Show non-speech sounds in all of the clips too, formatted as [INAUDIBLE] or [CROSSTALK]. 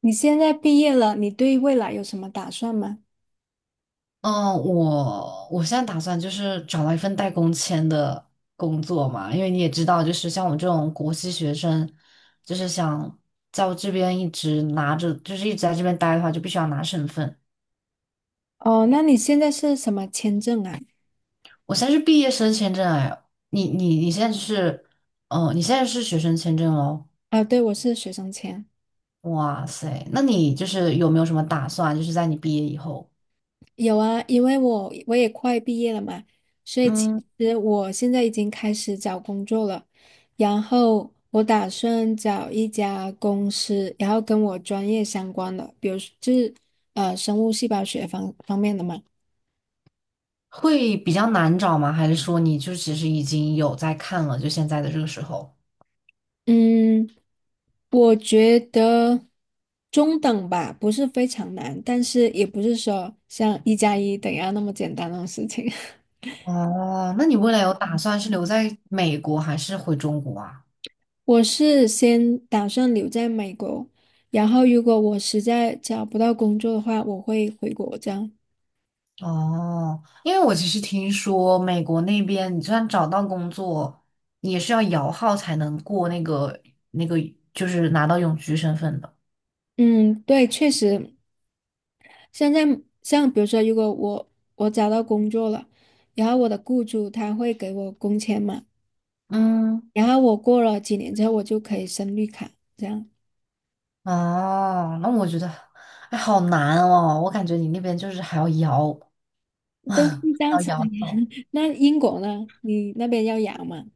你现在毕业了，你对未来有什么打算吗？嗯，我现在打算就是找到一份带工签的工作嘛，因为你也知道，就是像我这种国际学生，就是想在我这边一直拿着，就是一直在这边待的话，就必须要拿身份。哦，那你现在是什么签证啊？我现在是毕业生签证，哎，你现在是，嗯，你现在是学生签证哦，啊，对，我是学生签。哇塞，那你就是有没有什么打算，就是在你毕业以后，有啊，因为我也快毕业了嘛，所以其嗯，实我现在已经开始找工作了。然后我打算找一家公司，然后跟我专业相关的，比如是生物细胞学方方面的嘛。会比较难找吗？还是说你就其实已经有在看了，就现在的这个时候？嗯，我觉得中等吧，不是非常难，但是也不是说像一加一等于二那么简单的事情。哦，那你未来有打算是留在美国还是回中国啊？[LAUGHS] 我是先打算留在美国，然后如果我实在找不到工作的话，我会回国这样。哦，因为我其实听说美国那边，你就算找到工作，你也是要摇号才能过那个那个，就是拿到永居身份的。嗯，对，确实，现在像比如说，如果我找到工作了，然后我的雇主他会给我工钱嘛，嗯，然后我过了几年之后，我就可以申绿卡这样。哦，那我觉得，哎，好难哦，我感觉你那边就是还要摇，都是这样还要子的摇呀。号。[LAUGHS] 那英国呢？你那边要养吗？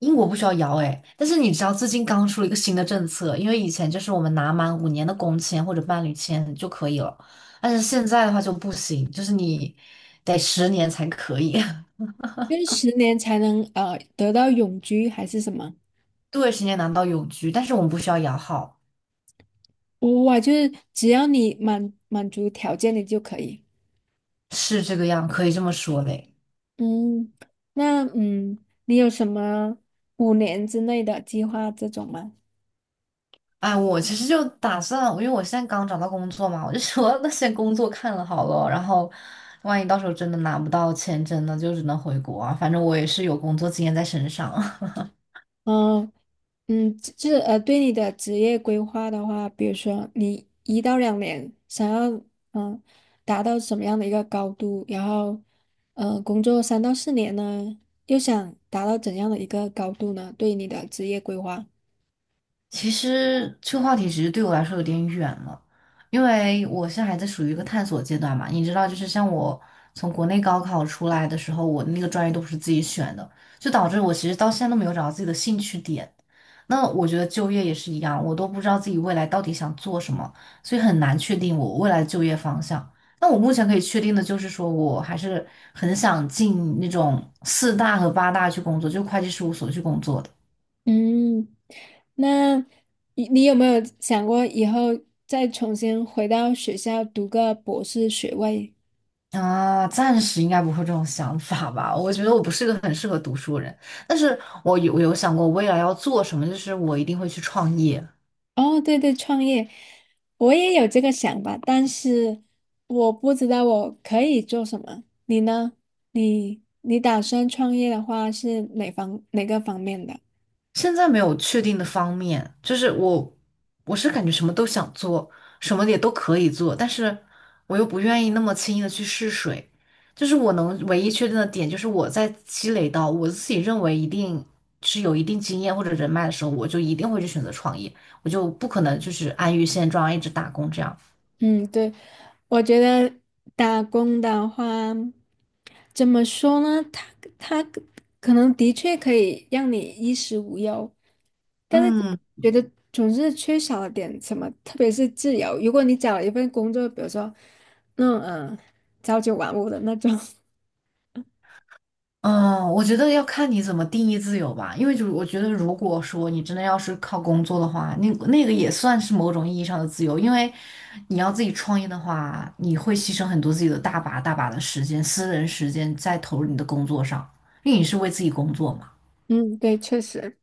英国不需要摇哎，但是你知道最近刚出了一个新的政策，因为以前就是我们拿满5年的工签或者伴侣签就可以了，但是现在的话就不行，就是你得十年才可以，就是10年才能得到永居还是什么？[LAUGHS] 对，10年拿到永居，但是我们不需要摇号，哇，就是只要你满满足条件你就可以。是这个样，可以这么说嘞。嗯，那嗯，你有什么5年之内的计划这种吗？哎，我其实就打算，因为我现在刚找到工作嘛，我就说那先工作看了好了，然后万一到时候真的拿不到签证呢，就只能回国啊，反正我也是有工作经验在身上。嗯、就是对你的职业规划的话，比如说你1到2年想要嗯达到什么样的一个高度，然后工作3到4年呢，又想达到怎样的一个高度呢？对你的职业规划，其实这个话题其实对我来说有点远了，因为我现在还在属于一个探索阶段嘛。你知道，就是像我从国内高考出来的时候，我那个专业都不是自己选的，就导致我其实到现在都没有找到自己的兴趣点。那我觉得就业也是一样，我都不知道自己未来到底想做什么，所以很难确定我未来的就业方向。那我目前可以确定的就是说，我还是很想进那种四大和八大去工作，就会计事务所去工作的。嗯，那你有没有想过以后再重新回到学校读个博士学位？啊，暂时应该不会有这种想法吧？我觉得我不是一个很适合读书的人，但是我有想过未来要做什么，就是我一定会去创业。哦，对对，创业，我也有这个想法，但是我不知道我可以做什么。你呢？你打算创业的话是哪个方面的？现在没有确定的方面，就是我是感觉什么都想做，什么也都可以做，但是我又不愿意那么轻易的去试水。就是我能唯一确定的点，就是我在积累到我自己认为一定是有一定经验或者人脉的时候，我就一定会去选择创业，我就不可能就是安于现状，一直打工这样。嗯，对，我觉得打工的话，怎么说呢？他可能的确可以让你衣食无忧，但是就嗯觉得总是缺少了点什么，特别是自由。如果你找了一份工作，比如说那种朝九晚五的那种，[LAUGHS] 嗯，我觉得要看你怎么定义自由吧，因为就是我觉得，如果说你真的要是靠工作的话，那那个也算是某种意义上的自由，因为你要自己创业的话，你会牺牲很多自己的大把大把的时间、私人时间在投入你的工作上，因为你是为自己工作嘛。嗯，对，确实，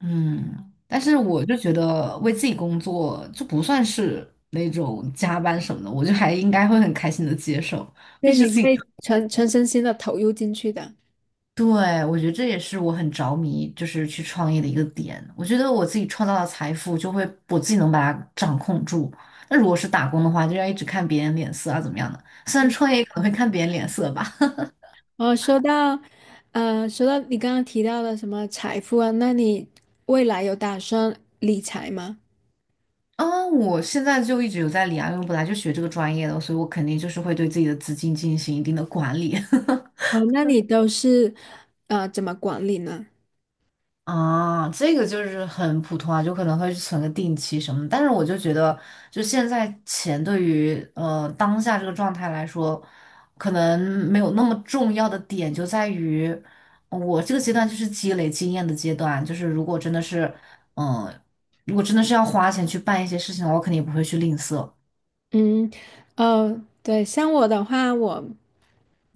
嗯，但是我就觉得为自己工作就不算是那种加班什么的，我就还应该会很开心的接受，毕对，竟你是自己会全身心的投入进去的。对，我觉得这也是我很着迷，就是去创业的一个点。我觉得我自己创造的财富，就会我自己能把它掌控住。那如果是打工的话，就要一直看别人脸色啊，怎么样的？虽然创业可能会看别人脸色吧。[LAUGHS] 哦，说到，说到你刚刚提到的什么财富啊，那你未来有打算理财吗？啊，我现在就一直有在理啊，因为我本来就学这个专业的，所以我肯定就是会对自己的资金进行一定的管理。[LAUGHS] 哦，那你都是怎么管理呢？啊，这个就是很普通啊，就可能会存个定期什么的但是我就觉得，就现在钱对于当下这个状态来说，可能没有那么重要的点就在于，我这个阶段就是积累经验的阶段。就是如果真的是，嗯、如果真的是要花钱去办一些事情的话，我肯定也不会去吝啬。嗯，哦，对，像我的话，我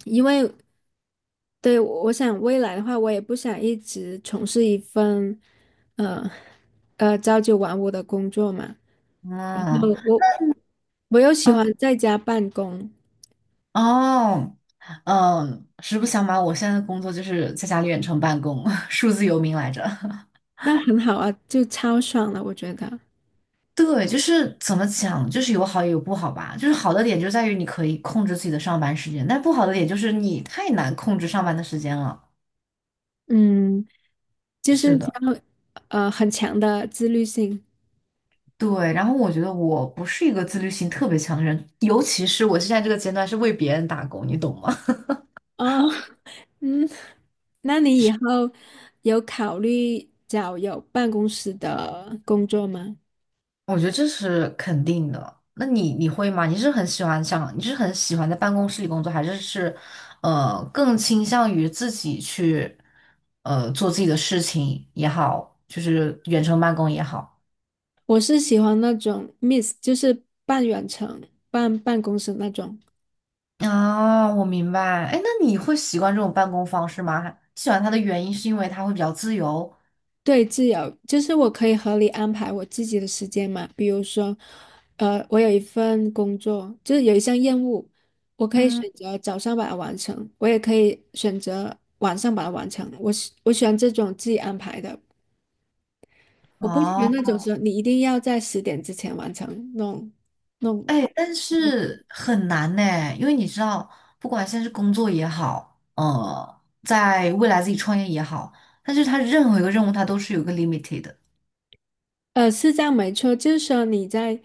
因为对我想未来的话，我也不想一直从事一份呃朝九晚五的工作嘛，然嗯，后我又喜欢在家办公，哦，嗯，实不相瞒，我现在的工作就是在家里远程办公，[LAUGHS] 数字游民来着。那很好啊，就超爽了，我觉得，对，就是怎么讲，就是有好也有不好吧。就是好的点就在于你可以控制自己的上班时间，但不好的点就是你太难控制上班的时间了。嗯。就是是的，要很强的自律性。对。然后我觉得我不是一个自律性特别强的人，尤其是我现在这个阶段是为别人打工，你懂吗？哦，[LAUGHS] 嗯，那你以后有考虑找有办公室的工作吗？[LAUGHS] 我觉得这是肯定的。那你你会吗？你是很喜欢想，你是很喜欢在办公室里工作，还是是，更倾向于自己去，做自己的事情也好，就是远程办公也好？我是喜欢那种 m i s s 就是半远程、半办公室那种。啊，我明白。哎，那你会习惯这种办公方式吗？喜欢它的原因是因为它会比较自由。对，自由就是我可以合理安排我自己的时间嘛。比如说，我有一份工作，就是有一项任务，我可以嗯，选择早上把它完成，我也可以选择晚上把它完成。我喜欢这种自己安排的，我不喜欢哦，那种说你一定要在10点之前完成那种。哎，但是很难呢，因为你知道，不管现在是工作也好，在未来自己创业也好，但是它任何一个任务它都是有一个 limited 的。是这样没错，就是说你在，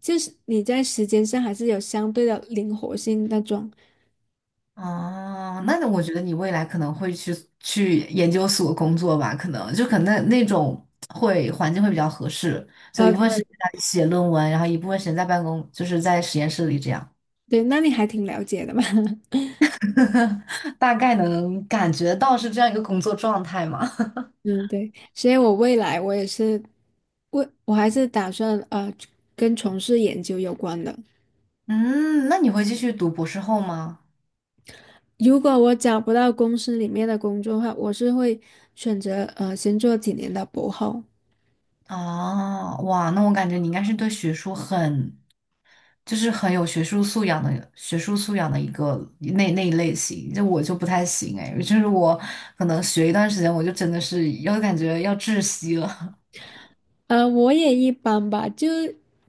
就是你在时间上还是有相对的灵活性那种。哦，那我觉得你未来可能会去去研究所工作吧，可能就可能那那种会环境会比较合适，就一部分时间对在那里写论文，然后一部分时间在办公，就是在实验室里这样，对，那你还挺了解的嘛。[LAUGHS] [LAUGHS] 大概能感觉到是这样一个工作状态嘛。嗯，对，所以我未来我也是，我还是打算跟从事研究有关的。[LAUGHS] 嗯，那你会继续读博士后吗？如果我找不到公司里面的工作的话，我是会选择先做几年的博后。哦，哇，那我感觉你应该是对学术很就是很有学术素养的学术素养的一个那那一类型，就我就不太行哎，就是我可能学一段时间，我就真的是要感觉要窒息了。我也一般吧，就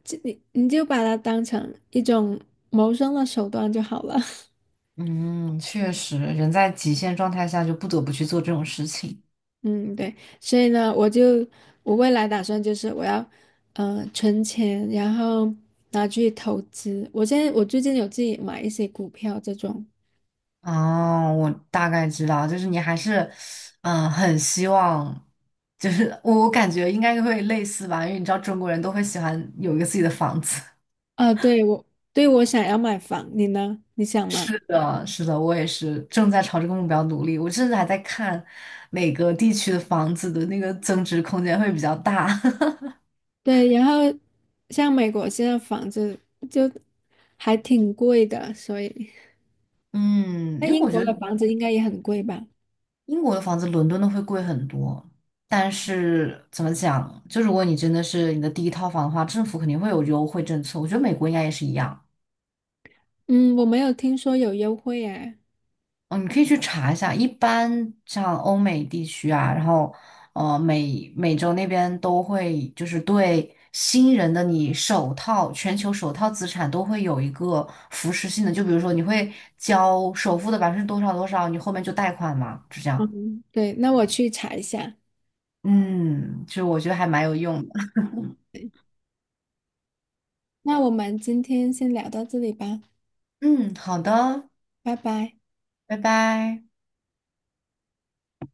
你就把它当成一种谋生的手段就好了。[LAUGHS] [LAUGHS] 嗯，确实，人在极限状态下就不得不去做这种事情。嗯，对，所以呢，我就我未来打算就是我要，存钱，然后拿去投资。我现在我最近有自己买一些股票这种。哦，我大概知道，就是你还是，嗯，很希望，就是我我感觉应该会类似吧，因为你知道中国人都会喜欢有一个自己的房子。啊，对，我想要买房，你呢？你想吗？是的，是的，我也是正在朝这个目标努力。我甚至还在看哪个地区的房子的那个增值空间会比较大。[LAUGHS] 对，然后像美国现在房子就还挺贵的，所以嗯，那因为英我国觉得的房子应该也很贵吧？英国的房子伦敦的会贵很多，但是怎么讲，就如果你真的是你的第一套房的话，政府肯定会有优惠政策。我觉得美国应该也是一样。嗯，我没有听说有优惠哎。嗯，你可以去查一下，一般像欧美地区啊，然后美洲那边都会就是对新人的你首套全球首套资产都会有一个扶持性的，就比如说你会交首付的百分之多少多少，你后面就贷款嘛，就这样。嗯，对，那我去查一下。嗯，就我觉得还蛮有用的。那我们今天先聊到这里吧，嗯，好的，拜拜。拜拜。